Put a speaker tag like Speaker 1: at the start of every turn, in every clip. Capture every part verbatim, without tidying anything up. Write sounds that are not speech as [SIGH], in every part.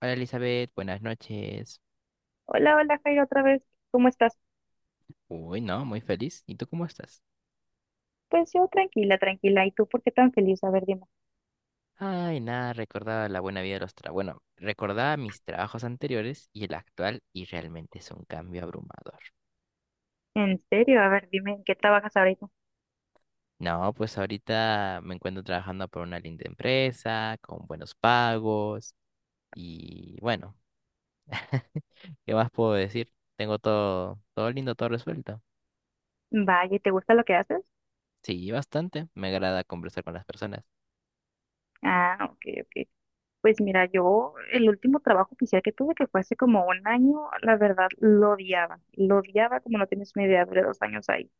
Speaker 1: Hola Elizabeth, buenas noches.
Speaker 2: Hola, hola, Jairo, otra vez. ¿Cómo estás?
Speaker 1: Uy, no, muy feliz. ¿Y tú cómo estás?
Speaker 2: Pues yo tranquila, tranquila. ¿Y tú por qué tan feliz? A ver, dime.
Speaker 1: Ay, nada, recordaba la buena vida de los trabajos. Bueno, recordaba mis trabajos anteriores y el actual y realmente es un cambio abrumador.
Speaker 2: ¿En serio? A ver, dime, ¿en qué trabajas ahorita?
Speaker 1: No, pues ahorita me encuentro trabajando por una linda empresa, con buenos pagos y bueno, ¿qué más puedo decir? Tengo todo, todo lindo, todo resuelto.
Speaker 2: Vaya, ¿te gusta lo que haces?
Speaker 1: Sí, bastante. Me agrada conversar con las personas.
Speaker 2: Ah, ok, ok. Pues mira, yo el último trabajo oficial que tuve, que fue hace como un año, la verdad lo odiaba. Lo odiaba como no tienes una idea, duré dos años ahí.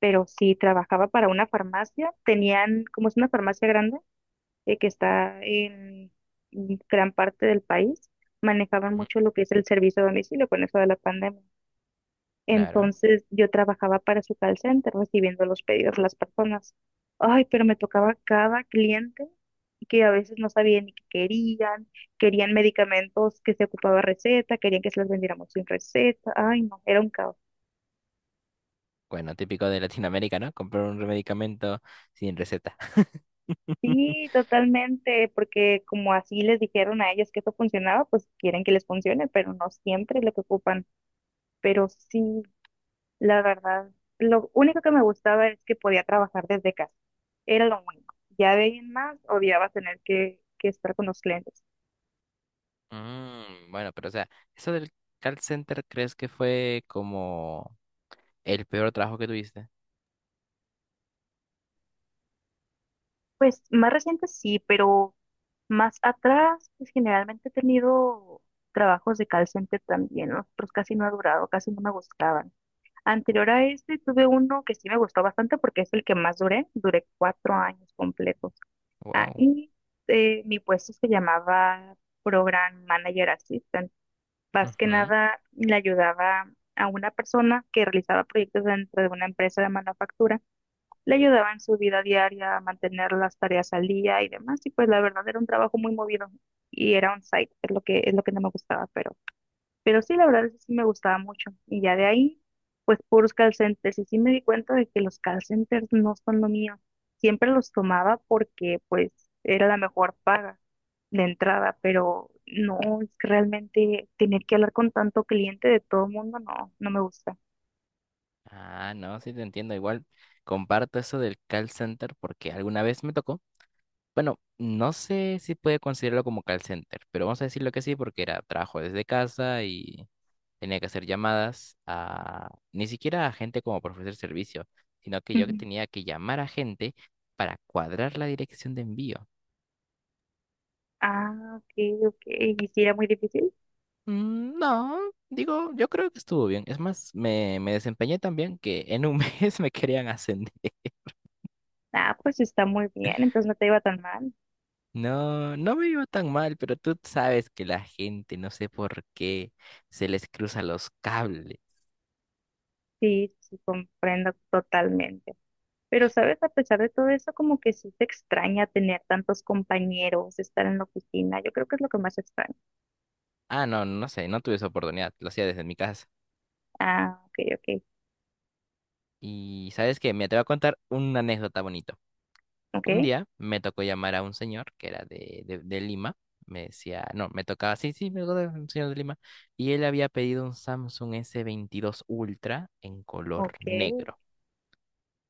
Speaker 2: Pero sí, trabajaba para una farmacia. Tenían, como es una farmacia grande, eh, que está en gran parte del país, manejaban
Speaker 1: Mm.
Speaker 2: mucho lo que es el servicio a domicilio con eso de la pandemia.
Speaker 1: Claro.
Speaker 2: Entonces yo trabajaba para su call center recibiendo los pedidos de las personas. Ay, pero me tocaba cada cliente que a veces no sabía ni qué querían, querían medicamentos que se ocupaba receta, querían que se los vendiéramos sin receta. Ay, no, era un caos.
Speaker 1: Bueno, típico de Latinoamérica, ¿no? Comprar un medicamento sin receta. [LAUGHS]
Speaker 2: Sí, totalmente, porque como así les dijeron a ellos que eso funcionaba, pues quieren que les funcione, pero no siempre es lo que ocupan. Pero sí, La verdad, lo único que me gustaba es que podía trabajar desde casa. Era lo único. Ya de ahí en más, odiaba tener que, que estar con los clientes.
Speaker 1: Mm, bueno, pero o sea, eso del call center, ¿crees que fue como el peor trabajo que tuviste?
Speaker 2: Pues más reciente sí, pero más atrás, pues generalmente he tenido trabajos de call center también, ¿no? Pero casi no ha durado, casi no me gustaban. Anterior a este tuve uno que sí me gustó bastante porque es el que más duré. Duré cuatro años completos.
Speaker 1: Wow.
Speaker 2: Ahí eh, mi puesto se llamaba Program Manager Assistant. Más que
Speaker 1: Ujú.
Speaker 2: nada le ayudaba a una persona que realizaba proyectos dentro de una empresa de manufactura, le ayudaba en su vida diaria a mantener las tareas al día y demás, y pues la verdad era un trabajo muy movido y era un site, es lo que, es lo que no me gustaba, pero, pero sí, la verdad eso sí me gustaba mucho. Y ya de ahí, pues puros call centers, y sí me di cuenta de que los call centers no son lo mío. Siempre los tomaba porque pues era la mejor paga de entrada, pero no, es que realmente tener que hablar con tanto cliente de todo el mundo, no, no me gusta.
Speaker 1: Ah, no, sí te entiendo. Igual comparto eso del call center porque alguna vez me tocó. Bueno, no sé si puede considerarlo como call center, pero vamos a decirlo que sí porque era trabajo desde casa y tenía que hacer llamadas a ni siquiera a gente como para ofrecer servicio, sino que yo que
Speaker 2: Ujú.
Speaker 1: tenía que llamar a gente para cuadrar la dirección de envío.
Speaker 2: Ah, ok, ok. ¿Y si era muy difícil?
Speaker 1: Mm, No, digo, yo creo que estuvo bien. Es más, me, me desempeñé tan bien que en un [LAUGHS] mes me querían ascender.
Speaker 2: Ah, pues está muy bien, entonces no te iba tan mal.
Speaker 1: No, no me iba tan mal, pero tú sabes que la gente, no sé por qué, se les cruza los cables.
Speaker 2: Sí, sí, comprendo totalmente. Pero, ¿sabes? A pesar de todo eso, como que sí te extraña tener tantos compañeros, estar en la oficina. Yo creo que es lo que más extraño.
Speaker 1: Ah, no, no sé, no tuve esa oportunidad, lo hacía desde mi casa.
Speaker 2: Ah, ok, ok,
Speaker 1: Y sabes que me te voy a contar una anécdota bonita.
Speaker 2: ok,
Speaker 1: Un día me tocó llamar a un señor que era de, de, de Lima. Me decía, no, me tocaba, sí, sí, me tocaba un señor de Lima. Y él había pedido un Samsung S veintidós Ultra en color
Speaker 2: ok.
Speaker 1: negro.
Speaker 2: [LAUGHS]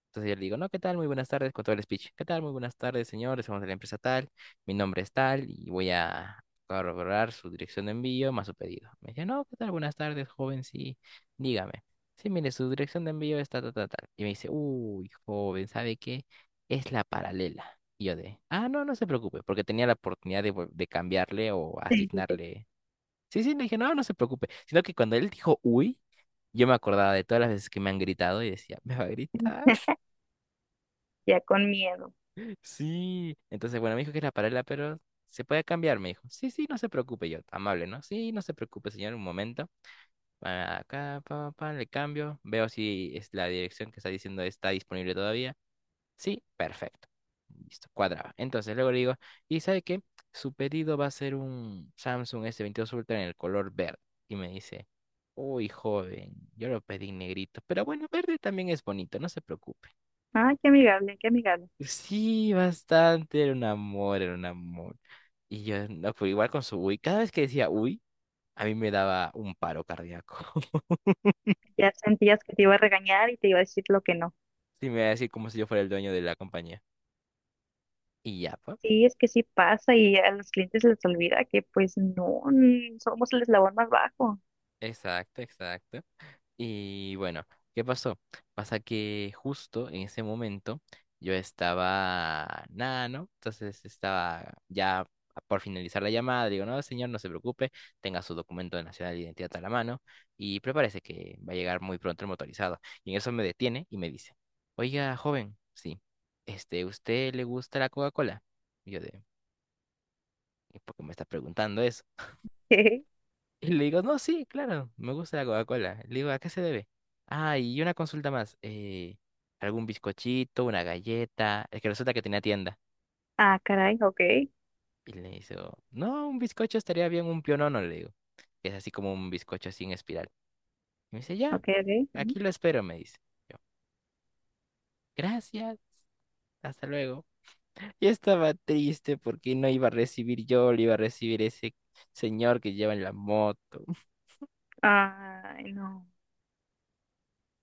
Speaker 1: Entonces yo le digo, no, ¿qué tal? Muy buenas tardes, con todo el speech. ¿Qué tal? Muy buenas tardes, señores. Somos de la empresa tal. Mi nombre es tal y voy a corroborar su dirección de envío más su pedido. Me dice, no, ¿qué tal? Buenas tardes, joven. Sí, dígame. Sí, mire, su dirección de envío está tal, tal, tal. Y me dice, uy, joven, ¿sabe qué? Es la paralela. Y yo de, ah, no, no se preocupe, porque tenía la oportunidad de, vol- de cambiarle o
Speaker 2: Sí, sí, sí.
Speaker 1: asignarle. Sí, sí, le dije, no, no se preocupe. Sino que cuando él dijo, uy, yo me acordaba de todas las veces que me han gritado y decía, me va a gritar.
Speaker 2: Ya con miedo.
Speaker 1: Sí, entonces, bueno, me dijo que era paralela, pero se puede cambiar, me dijo. Sí, sí, no se preocupe, yo, amable, ¿no? Sí, no se preocupe, señor, un momento. Pa- Acá, pa, pa, pa, le cambio, veo si es la dirección que está diciendo está disponible todavía. Sí, perfecto. Listo, cuadraba. Entonces, luego le digo, ¿y sabe qué? Su pedido va a ser un Samsung S veintidós Ultra en el color verde. Y me dice, uy, joven, yo lo pedí negrito, pero bueno, verde también es bonito, no se preocupe.
Speaker 2: Ay, qué amigable, qué amigable.
Speaker 1: Sí, bastante, era un amor, era un amor. Y yo, no, pues igual con su uy, cada vez que decía uy, a mí me daba un paro cardíaco. [LAUGHS]
Speaker 2: Ya sentías que te iba a regañar y te iba a decir lo que no.
Speaker 1: Sí, me iba a decir como si yo fuera el dueño de la compañía. Y ya, pues.
Speaker 2: Sí, es que sí pasa y a los clientes les olvida que pues no, mm, somos el eslabón más bajo.
Speaker 1: Exacto, exacto. Y bueno, ¿qué pasó? Pasa que justo en ese momento yo estaba nada, ¿no? Entonces estaba ya por finalizar la llamada. Digo, no, señor, no se preocupe, tenga su documento de nacional de identidad a la mano y prepárese que va a llegar muy pronto el motorizado. Y en eso me detiene y me dice, oiga, joven, sí, este, ¿usted le gusta la Coca-Cola? Y yo de, "¿Y ¿por qué me está preguntando eso?
Speaker 2: [LAUGHS]
Speaker 1: Y le digo, no, sí, claro, me gusta la Coca-Cola. Le digo, ¿a qué se debe? Ah, y una consulta más. eh, ¿algún bizcochito, una galleta? Es que resulta que tenía tienda.
Speaker 2: Ah, caray, ok,
Speaker 1: Y le dice, no, un bizcocho estaría bien, un pionono, le digo. Que Es así como un bizcocho sin espiral. Y me dice, ya,
Speaker 2: ok, ok. Ujú.
Speaker 1: aquí lo espero, me dice. Yo, gracias, hasta luego. Y estaba triste porque no iba a recibir yo, lo iba a recibir ese señor que lleva en la moto. [LAUGHS]
Speaker 2: Ay, no,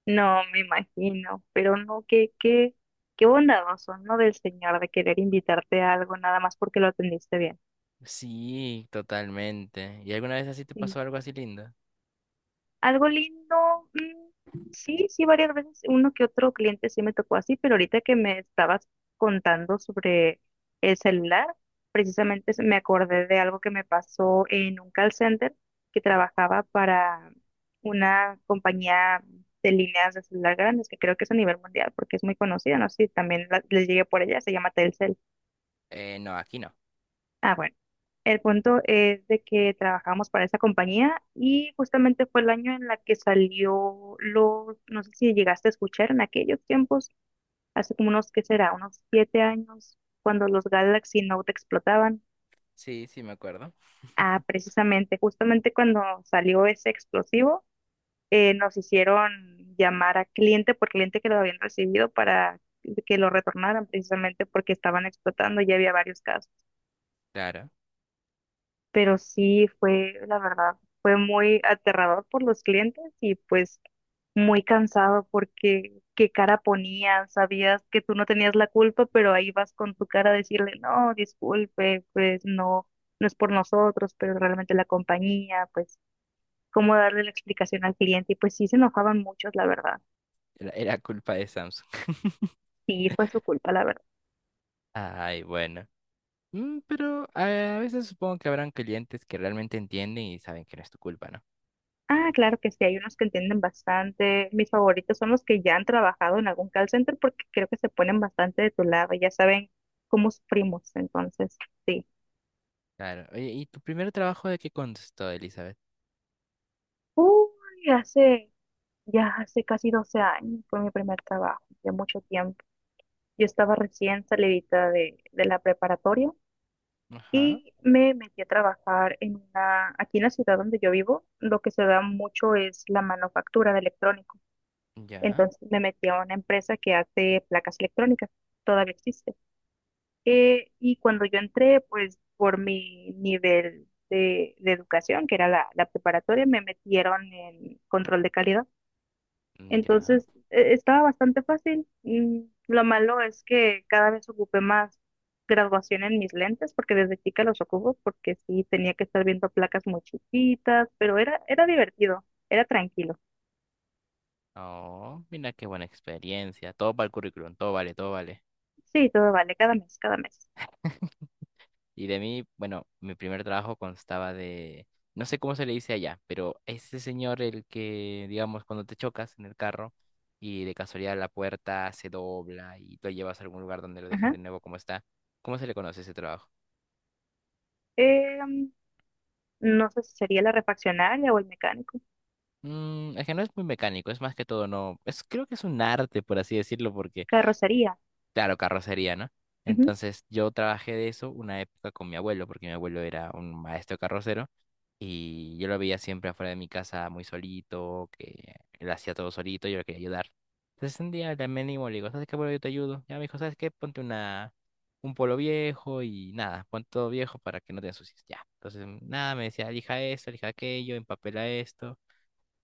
Speaker 2: no me imagino, pero no, qué, qué, qué bondadoso, ¿no? Del señor de querer invitarte a algo nada más porque lo atendiste bien.
Speaker 1: Sí, totalmente. ¿Y alguna vez así te
Speaker 2: Sí.
Speaker 1: pasó algo así lindo?
Speaker 2: Algo lindo, mm, sí, sí, varias veces uno que otro cliente sí me tocó así, pero ahorita que me estabas contando sobre el celular, precisamente se- me acordé de algo que me pasó en un call center que trabajaba para una compañía de líneas de celular grandes, que creo que es a nivel mundial porque es muy conocida, no sé si también la- les llegué por ella, se llama Telcel.
Speaker 1: Eh, no, aquí no.
Speaker 2: Ah, bueno. El punto es de que trabajamos para esa compañía y justamente fue el año en la que salió los, no sé si llegaste a escuchar en aquellos tiempos, hace como unos, ¿qué será? Unos siete años, cuando los Galaxy Note explotaban.
Speaker 1: Sí, sí me acuerdo.
Speaker 2: Ah, precisamente, justamente cuando salió ese explosivo, eh, nos hicieron llamar a cliente por cliente que lo habían recibido para que lo retornaran precisamente porque estaban explotando, ya había varios casos.
Speaker 1: Claro,
Speaker 2: Pero sí fue, la verdad, fue muy aterrador por los clientes y pues muy cansado porque qué cara ponían, sabías que tú no tenías la culpa, pero ahí vas con tu cara a decirle, no, disculpe, pues no, no es por nosotros, pero realmente la compañía, pues cómo darle la explicación al cliente y pues sí se enojaban muchos, la verdad.
Speaker 1: era, era culpa de Samsung. [LAUGHS]
Speaker 2: Sí, fue su culpa, la verdad.
Speaker 1: Ay, bueno. Mm, pero a, a veces supongo que habrán clientes que realmente entienden y saben que no es tu culpa, ¿no?
Speaker 2: Ah, claro que sí, hay unos que entienden bastante. Mis favoritos son los que ya han trabajado en algún call center porque creo que se ponen bastante de tu lado, ya saben cómo sufrimos, entonces, sí.
Speaker 1: Claro. Oye, ¿y tu primer trabajo de qué constó, Elizabeth?
Speaker 2: Uy, hace, ya hace casi doce años fue mi primer trabajo, ya mucho tiempo. Yo estaba recién salidita de, de la preparatoria
Speaker 1: Ajá,
Speaker 2: y me metí a trabajar en una, aquí en la ciudad donde yo vivo, lo que se da mucho es la manufactura de electrónicos.
Speaker 1: ya,
Speaker 2: Entonces me metí a una empresa que hace placas electrónicas, todavía existe. Eh, y cuando yo entré, pues por mi nivel de, de educación, que era la, la preparatoria, me metieron en control de calidad.
Speaker 1: mm, ya.
Speaker 2: Entonces eh, estaba bastante fácil. Mm, Lo malo es que cada vez ocupé más graduación en mis lentes, porque desde chica los ocupo, porque sí tenía que estar viendo placas muy chiquitas, pero era, era divertido, era tranquilo.
Speaker 1: Oh, mira qué buena experiencia. Todo para el currículum, todo vale, todo vale.
Speaker 2: Sí, todo vale, cada mes, cada mes.
Speaker 1: [LAUGHS] Y de mí, bueno, mi primer trabajo constaba de, no sé cómo se le dice allá, pero ese señor el que, digamos, cuando te chocas en el carro y de casualidad la puerta se dobla y tú lo llevas a algún lugar donde lo dejen de
Speaker 2: Ajá.
Speaker 1: nuevo como está, ¿cómo se le conoce ese trabajo?
Speaker 2: eh no sé si sería la refaccionaria o el mecánico.
Speaker 1: Mm, es que no es muy mecánico, es más que todo, no, es, creo que es un arte, por así decirlo, porque,
Speaker 2: Carrocería.
Speaker 1: claro, carrocería, ¿no?
Speaker 2: Ujú.
Speaker 1: Entonces yo trabajé de eso una época con mi abuelo, porque mi abuelo era un maestro carrocero. Y yo lo veía siempre afuera de mi casa muy solito, que él hacía todo solito, yo lo quería ayudar. Entonces un día le ánimo le digo, ¿sabes qué, bro? Yo te ayudo. Ya me dijo, ¿sabes qué? Ponte una, un polo viejo y nada, pon todo viejo para que no te ensucies. Ya. Entonces, nada, me decía, elija esto, elija aquello, empapela esto.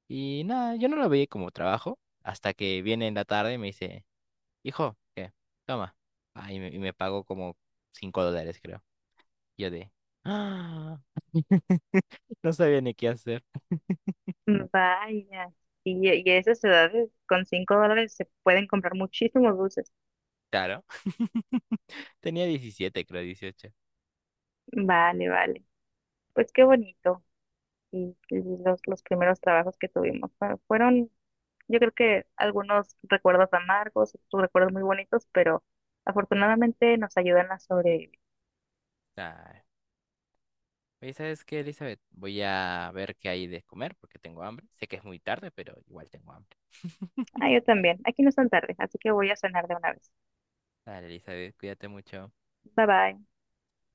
Speaker 1: Y nada, yo no lo veía como trabajo hasta que viene en la tarde y me dice, hijo, ¿qué? Toma. Ah, y me, y me pagó como cinco dólares, creo. Yo de, ah, no sabía ni qué hacer.
Speaker 2: Mm, Vaya. Y, y esas edades, con cinco dólares se pueden comprar muchísimos dulces.
Speaker 1: Claro. Tenía diecisiete creo, dieciocho.
Speaker 2: Vale, vale. Pues qué bonito. Y, y los, los primeros trabajos que tuvimos fue- fueron, yo creo que algunos recuerdos amargos, otros recuerdos muy bonitos, pero afortunadamente nos ayudan a sobrevivir.
Speaker 1: Ay. Oye, ¿sabes qué, Elizabeth? Voy a ver qué hay de comer porque tengo hambre. Sé que es muy tarde, pero igual tengo hambre.
Speaker 2: Ah, yo también. Aquí no es tan tarde, así que voy a cenar de una vez.
Speaker 1: Dale, Elizabeth, cuídate mucho.
Speaker 2: Bye bye.